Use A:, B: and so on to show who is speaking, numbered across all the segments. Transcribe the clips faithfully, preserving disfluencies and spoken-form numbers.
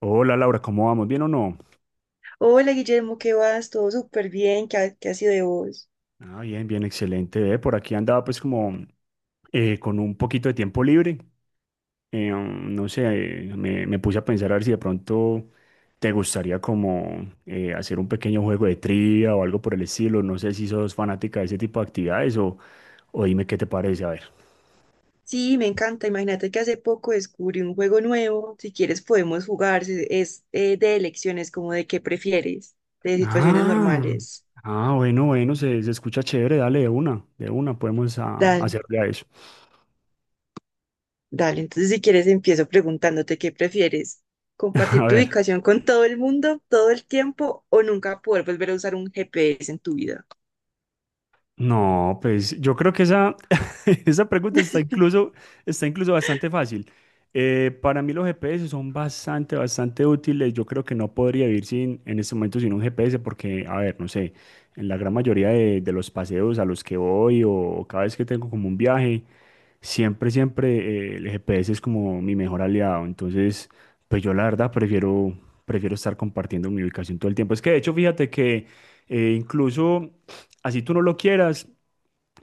A: Hola Laura, ¿cómo vamos? ¿Bien o no?
B: Hola Guillermo, ¿qué vas? Todo súper bien, ¿qué ha, ¿qué ha sido de vos?
A: Ah, bien, bien, excelente. Ve, por aquí andaba pues como eh, con un poquito de tiempo libre. Eh, um, no sé, eh, me, me puse a pensar a ver si de pronto te gustaría como eh, hacer un pequeño juego de trivia o algo por el estilo. No sé si sos fanática de ese tipo de actividades o, o dime qué te parece, a ver.
B: Sí, me encanta. Imagínate que hace poco descubrí un juego nuevo. Si quieres podemos jugar. se- Es eh, de elecciones, como de qué prefieres, de situaciones
A: Ah,
B: normales.
A: ah, bueno, bueno, se, se escucha chévere, dale de una, de una, podemos ah,
B: Dale,
A: hacerle a eso.
B: dale. Entonces si quieres empiezo preguntándote qué prefieres. ¿Compartir
A: A
B: tu
A: ver,
B: ubicación con todo el mundo todo el tiempo o nunca poder volver a usar un G P S en tu vida?
A: no, pues yo creo que esa, esa pregunta está incluso, está incluso bastante fácil. Eh, para mí los G P S son bastante, bastante útiles. Yo creo que no podría vivir sin, en este momento sin un G P S porque, a ver, no sé, en la gran mayoría de, de los paseos a los que voy o, o cada vez que tengo como un viaje, siempre, siempre eh, el G P S es como mi mejor aliado. Entonces, pues yo la verdad prefiero, prefiero estar compartiendo mi ubicación todo el tiempo. Es que de hecho, fíjate que eh, incluso así tú no lo quieras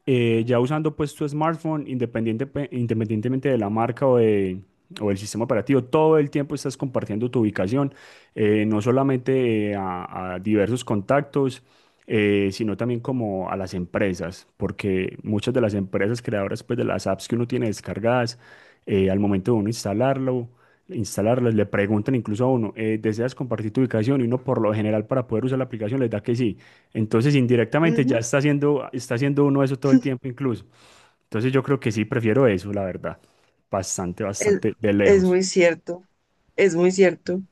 A: eh, ya usando pues tu smartphone, independiente, independientemente de la marca o de, o el sistema operativo, todo el tiempo estás compartiendo tu ubicación, eh, no solamente eh, a, a diversos contactos, eh, sino también como a las empresas, porque muchas de las empresas creadoras pues de las apps que uno tiene descargadas, eh, al momento de uno instalarlo, instalarlas, le preguntan incluso a uno, eh, ¿deseas compartir tu ubicación? Y uno por lo general para poder usar la aplicación les da que sí. Entonces, indirectamente ya
B: Ujú.
A: está haciendo, está haciendo uno eso todo el tiempo incluso. Entonces, yo creo que sí prefiero eso, la verdad. Bastante,
B: Es,
A: bastante de
B: es
A: lejos.
B: muy cierto, es muy cierto.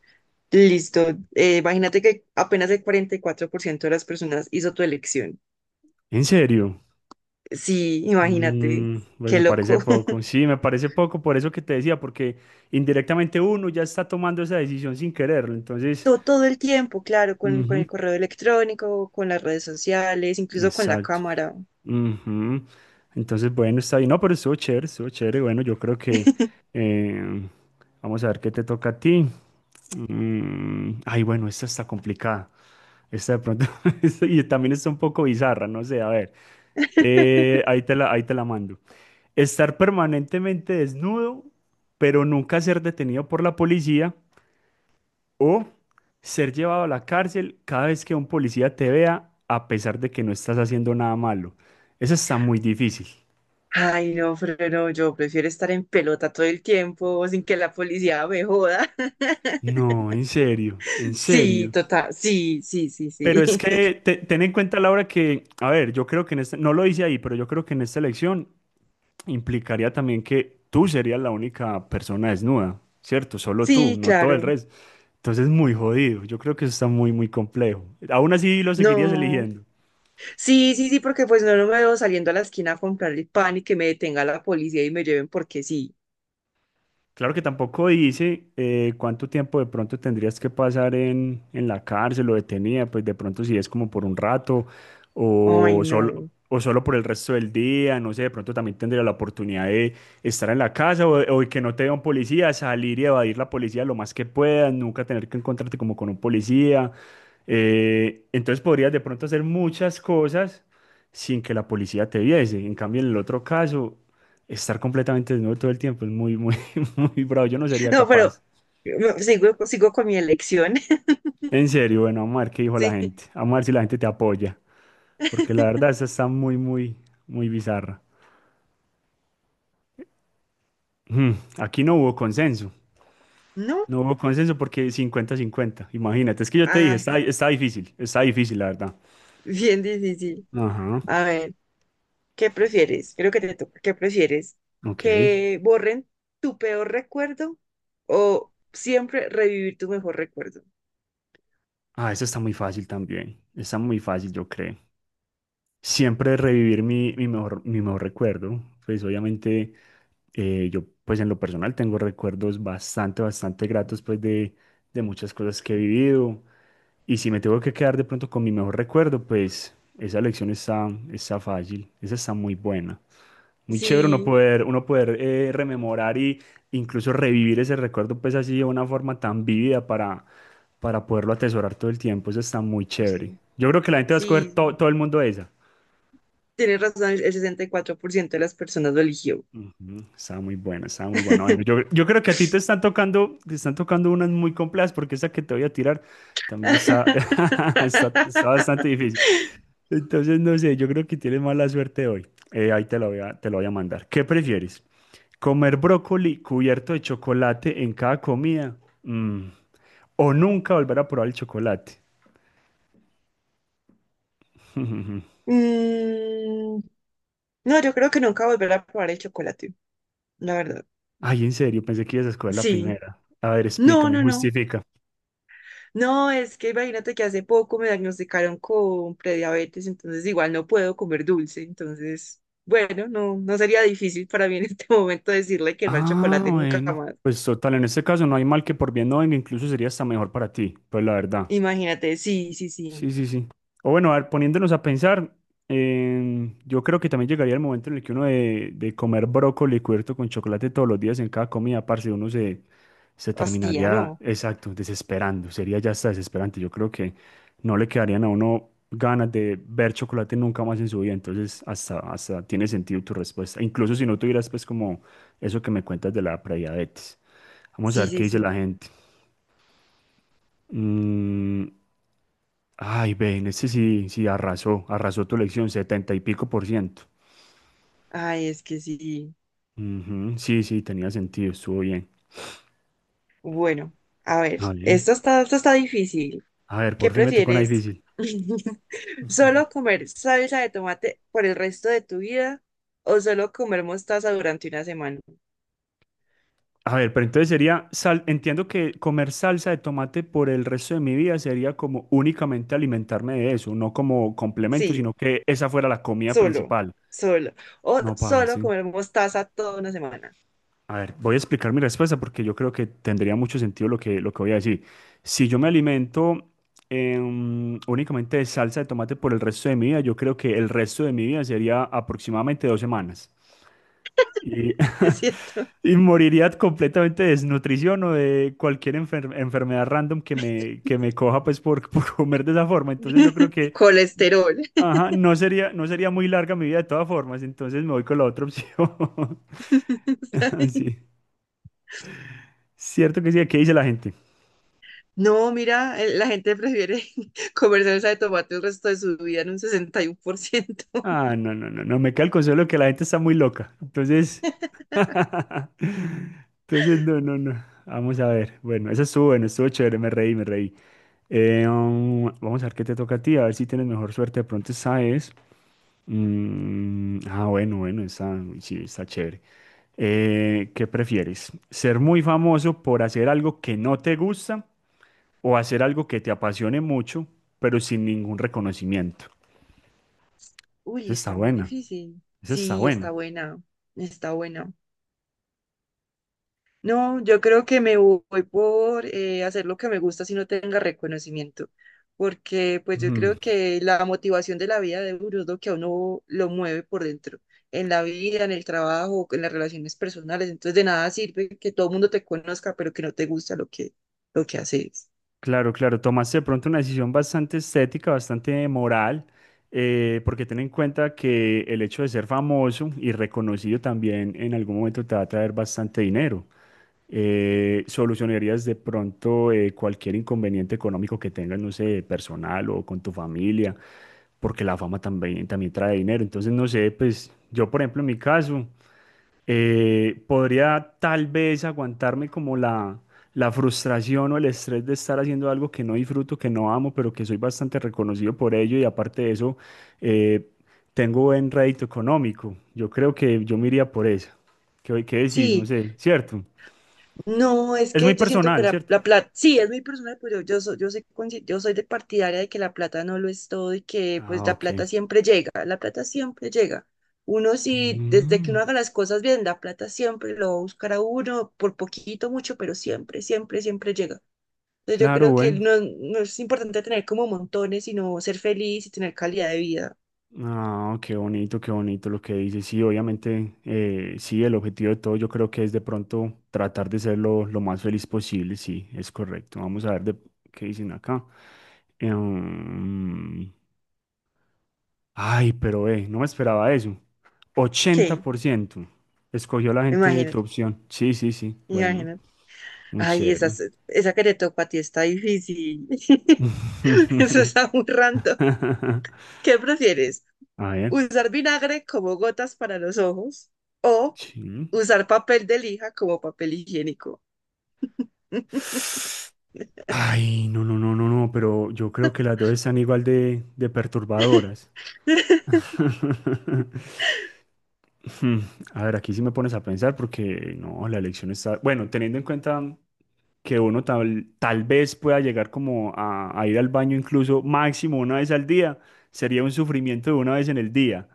B: Listo. Eh, imagínate que apenas el cuarenta y cuatro por ciento de las personas hizo tu elección.
A: ¿En serio?
B: Sí, imagínate.
A: Mm, pues
B: Qué
A: me parece
B: loco.
A: poco. Sí, me parece poco por eso que te decía, porque indirectamente uno ya está tomando esa decisión sin quererlo. Entonces,
B: todo Todo, el tiempo, claro, con, con el
A: ujú,
B: correo electrónico, con las redes sociales, incluso con la
A: exacto.
B: cámara.
A: Ujú. Entonces, bueno, está bien. No, pero estuvo chévere, estuvo chévere. Bueno, yo creo que eh, vamos a ver qué te toca a ti. Mm, ay, bueno, esta está complicada. Esta de pronto, y también está un poco bizarra, no sé, a ver, eh, ahí te la, ahí te la mando. Estar permanentemente desnudo, pero nunca ser detenido por la policía o ser llevado a la cárcel cada vez que un policía te vea, a pesar de que no estás haciendo nada malo. Eso está muy difícil.
B: Ay, no, pero no, yo prefiero estar en pelota todo el tiempo sin que la policía me joda.
A: No, en serio, en
B: Sí,
A: serio.
B: total. Sí, sí, sí,
A: Pero
B: sí.
A: es que te- ten en cuenta, Laura, que, a ver, yo creo que en esta, no lo hice ahí, pero yo creo que en esta elección implicaría también que tú serías la única persona desnuda, ¿cierto? Solo tú,
B: Sí,
A: no todo el
B: claro.
A: resto. Entonces, muy jodido. Yo creo que eso está muy, muy complejo. Aún así lo seguirías
B: No.
A: eligiendo.
B: Sí, sí, sí, porque pues no, no me veo saliendo a la esquina a comprar el pan y que me detenga la policía y me lleven porque sí.
A: Claro que tampoco dice eh, cuánto tiempo de pronto tendrías que pasar en, en la cárcel o detenida, pues de pronto si es como por un rato
B: Ay,
A: o solo,
B: no.
A: o solo por el resto del día, no sé, de pronto también tendría la oportunidad de estar en la casa o, o que no te vea un policía, salir y evadir la policía lo más que puedas, nunca tener que encontrarte como con un policía. Eh, entonces podrías de pronto hacer muchas cosas sin que la policía te viese. En cambio, en el otro caso, estar completamente desnudo todo el tiempo es muy, muy... Muy bravo, yo no sería
B: No, pero
A: capaz.
B: no, sigo, sigo con mi elección.
A: En serio, bueno, vamos a ver qué dijo la
B: Sí.
A: gente. Vamos a ver si la gente te apoya. Porque la verdad, esa está muy, muy, muy bizarra. Mm, aquí no hubo consenso.
B: No.
A: No hubo consenso porque cincuenta-cincuenta. Imagínate, es que yo te dije,
B: Ah,
A: está, está difícil. Está difícil, la verdad.
B: bien difícil.
A: Ajá,
B: A ver, ¿qué prefieres? Creo que te toca. ¿Qué prefieres?
A: ok.
B: ¿Que borren tu peor recuerdo o siempre revivir tu mejor recuerdo?
A: Ah, eso está muy fácil también. Está muy fácil, yo creo. Siempre revivir mi, mi mejor, mi mejor recuerdo. Pues obviamente eh, yo pues en lo personal tengo recuerdos bastante, bastante gratos pues de, de muchas cosas que he vivido. Y si me tengo que quedar de pronto con mi mejor recuerdo, pues esa elección está, está fácil, esa está muy buena. Muy chévere uno
B: Sí,
A: poder, uno poder eh, rememorar y incluso revivir ese recuerdo pues así de una forma tan vívida para, para poderlo atesorar todo el tiempo. Eso está muy
B: sí,
A: chévere.
B: sí.
A: Yo creo que la gente va a escoger
B: Sí,
A: to- todo el mundo esa.
B: tienes razón, el sesenta y cuatro por ciento de las personas lo eligió.
A: Ujú, estaba muy bueno, estaba muy bueno. Bueno, yo, yo creo que a ti te están tocando, te están tocando unas muy complejas porque esa que te voy a tirar también está, está, está bastante difícil. Entonces, no sé, yo creo que tienes mala suerte hoy. Eh, ahí te lo voy a, te lo voy a mandar. ¿Qué prefieres? ¿Comer brócoli cubierto de chocolate en cada comida? Mm. ¿O nunca volver a probar el chocolate?
B: Mm, no, yo creo que nunca volveré a probar el chocolate, la verdad.
A: Ay, en serio, pensé que ibas a escoger la
B: Sí.
A: primera. A ver,
B: No,
A: explícame,
B: no, no.
A: justifica.
B: No, es que imagínate que hace poco me diagnosticaron con prediabetes, entonces igual no puedo comer dulce, entonces, bueno, no, no sería difícil para mí en este momento decirle que no al
A: Ah,
B: chocolate nunca
A: bueno.
B: más.
A: Pues total, en este caso no hay mal que por bien no venga, incluso sería hasta mejor para ti, pues la verdad.
B: Imagínate, sí, sí, sí.
A: Sí, sí, sí. O bueno, a ver, poniéndonos a pensar, em, yo creo que también llegaría el momento en el que uno de, de comer brócoli cubierto con chocolate todos los días en cada comida, parce, uno se, se
B: Hostia,
A: terminaría,
B: no.
A: exacto, desesperando, sería ya hasta desesperante. Yo creo que no le quedarían a uno ganas de ver chocolate nunca más en su vida, entonces hasta, hasta tiene sentido tu respuesta, incluso si no tuvieras pues como eso que me cuentas de la prediabetes. Vamos a
B: Sí,
A: ver qué
B: sí,
A: dice
B: sí.
A: la gente. Mm, ay, ven, este sí, sí arrasó, arrasó tu elección, setenta y pico por ciento.
B: Ay, es que sí.
A: Ujú, sí, sí, tenía sentido, estuvo bien.
B: Bueno, a ver,
A: A ver,
B: esto está, esto está difícil.
A: a ver,
B: ¿Qué
A: por fin me tocó una
B: prefieres?
A: difícil.
B: ¿Solo comer salsa de tomate por el resto de tu vida o solo comer mostaza durante una semana?
A: A ver, pero entonces sería, sal, entiendo que comer salsa de tomate por el resto de mi vida sería como únicamente alimentarme de eso, no como complemento,
B: Sí,
A: sino que esa fuera la comida
B: solo,
A: principal.
B: solo. O
A: No,
B: solo
A: parce.
B: comer mostaza toda una semana.
A: A ver, voy a explicar mi respuesta porque yo creo que tendría mucho sentido lo que, lo que voy a decir. Si yo me alimento em, únicamente de salsa de tomate por el resto de mi vida, yo creo que el resto de mi vida sería aproximadamente dos semanas. Y,
B: ¿Es cierto?
A: y moriría completamente de desnutrición o de cualquier enfer- enfermedad random que me, que me coja pues por, por comer de esa forma. Entonces yo creo que
B: Colesterol.
A: ajá, no sería, no sería muy larga mi vida de todas formas, entonces me voy con la otra opción.
B: Está bien.
A: Sí. Cierto que sí, ¿qué dice la gente?
B: No, mira, eh, la gente prefiere comer salsa de tomate el resto de su vida en un sesenta y uno por ciento.
A: Ah, no, no, no, no, me cae el consuelo de que la gente está muy loca. Entonces, entonces, no, no, no. Vamos a ver. Bueno, eso estuvo bueno, estuvo chévere, me reí, me reí. Eh, um, vamos a ver qué te toca a ti, a ver si tienes mejor suerte. De pronto, ¿sabes? Mm, ah, bueno, bueno, está, uy, sí, está chévere. Eh, ¿qué prefieres? ¿Ser muy famoso por hacer algo que no te gusta o hacer algo que te apasione mucho, pero sin ningún reconocimiento? Esa
B: Uy,
A: está
B: está muy
A: buena.
B: difícil.
A: Eso está
B: Sí, está
A: bueno.
B: buena, está buena. No, yo creo que me voy por eh, hacer lo que me gusta si no tenga reconocimiento, porque pues yo
A: Mm.
B: creo que la motivación de la vida de uno es lo que a uno lo mueve por dentro, en la vida, en el trabajo, en las relaciones personales, entonces de nada sirve que todo el mundo te conozca, pero que no te gusta lo que, lo que haces.
A: Claro, claro, tomaste de pronto una decisión bastante estética, bastante moral, eh, porque ten en cuenta que el hecho de ser famoso y reconocido también en algún momento te va a traer bastante dinero. Eh, solucionarías de pronto eh, cualquier inconveniente económico que tengas, no sé, personal o con tu familia, porque la fama también, también trae dinero. Entonces, no sé, pues yo, por ejemplo, en mi caso. Eh, podría tal vez aguantarme como la, la frustración o el estrés de estar haciendo algo que no disfruto, que no amo, pero que soy bastante reconocido por ello y aparte de eso, eh, tengo buen rédito económico. Yo creo que yo me iría por eso. ¿Qué, qué decís? No
B: Sí.
A: sé, ¿cierto?
B: No, es
A: Es muy
B: que yo siento que
A: personal,
B: la,
A: ¿cierto?
B: la plata, sí, es muy personal, pero yo, soy, yo, soy, consci- yo soy de partidaria de que la plata no lo es todo y que pues
A: Ah,
B: la
A: ok.
B: plata siempre llega, la plata siempre llega. Uno sí, desde que
A: Mm,
B: uno haga las cosas bien, la plata siempre lo va a buscar a uno, por poquito, mucho, pero siempre, siempre, siempre llega. Entonces yo
A: claro,
B: creo que
A: bueno.
B: no, no es importante tener como montones, sino ser feliz y tener calidad de vida.
A: Ah, qué bonito, qué bonito lo que dices. Sí, obviamente, eh, sí, el objetivo de todo yo creo que es de pronto tratar de ser lo, lo más feliz posible. Sí, es correcto. Vamos a ver de, qué dicen acá. Em, Ay, pero eh, no me esperaba eso. Ochenta
B: Sí,
A: por ciento escogió la gente de tu
B: imagínate.
A: opción. Sí, sí, sí. Bueno,
B: Imagínate.
A: muy
B: Ay, esa,
A: chévere.
B: esa que te tocó a ti está difícil. Eso está muy random. ¿Qué prefieres?
A: A ver,
B: ¿Usar vinagre como gotas para los ojos o
A: sí.
B: usar papel de lija como papel higiénico?
A: Ay, no, no, no, no, no, pero yo creo que las dos están igual de, de perturbadoras. Hmm, a ver, aquí sí me pones a pensar porque no, la elección está... Bueno, teniendo en cuenta que uno tal, tal vez pueda llegar como a, a ir al baño incluso máximo una vez al día, sería un sufrimiento de una vez en el día.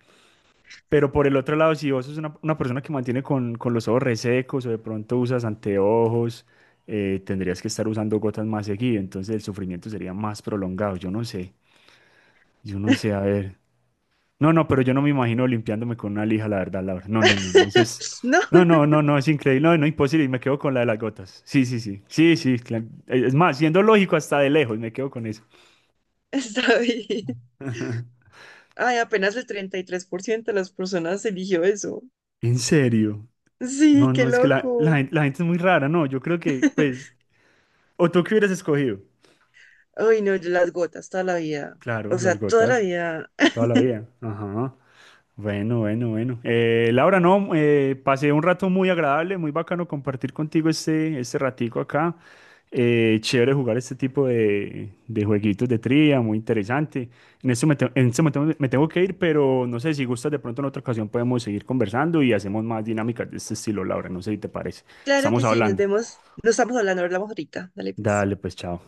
A: Pero por el otro lado, si vos sos una, una persona que mantiene con, con los ojos resecos o de pronto usas anteojos, eh, tendrías que estar usando gotas más seguido, entonces el sufrimiento sería más prolongado. Yo no sé, yo no sé, a ver. No, no, pero yo no me imagino limpiándome con una lija, la verdad, Laura. No, no, no, no, eso es.
B: No,
A: No, no, no, no, es increíble, no, no, imposible, y me quedo con la de las gotas. Sí, sí, sí, sí, sí, cla- es más, siendo lógico hasta de lejos, me quedo con eso.
B: está bien. Ay, apenas el treinta y tres por ciento de las personas eligió eso.
A: ¿En serio?
B: Sí,
A: No,
B: qué
A: no, es que la, la,
B: loco.
A: gen- la gente es muy rara, no, yo creo que, pues, ¿o tú qué hubieras escogido?
B: Ay, no, yo las gotas toda la vida.
A: Claro,
B: O sea,
A: las
B: toda la
A: gotas,
B: vida.
A: toda la vida. Ajá. Bueno, bueno, bueno. Eh, Laura, no, eh, pasé un rato muy agradable, muy bacano compartir contigo este, este ratico acá. Eh, chévere jugar este tipo de, de jueguitos de trivia, muy interesante. En este, momento- en este momento me tengo que ir, pero no sé si gustas, de pronto en otra ocasión podemos seguir conversando y hacemos más dinámicas de este estilo, Laura. No sé si te parece.
B: Claro
A: Estamos
B: que sí, nos
A: hablando.
B: vemos. No estamos hablando, hablamos ahorita. Dale, pues.
A: Dale, pues, chao.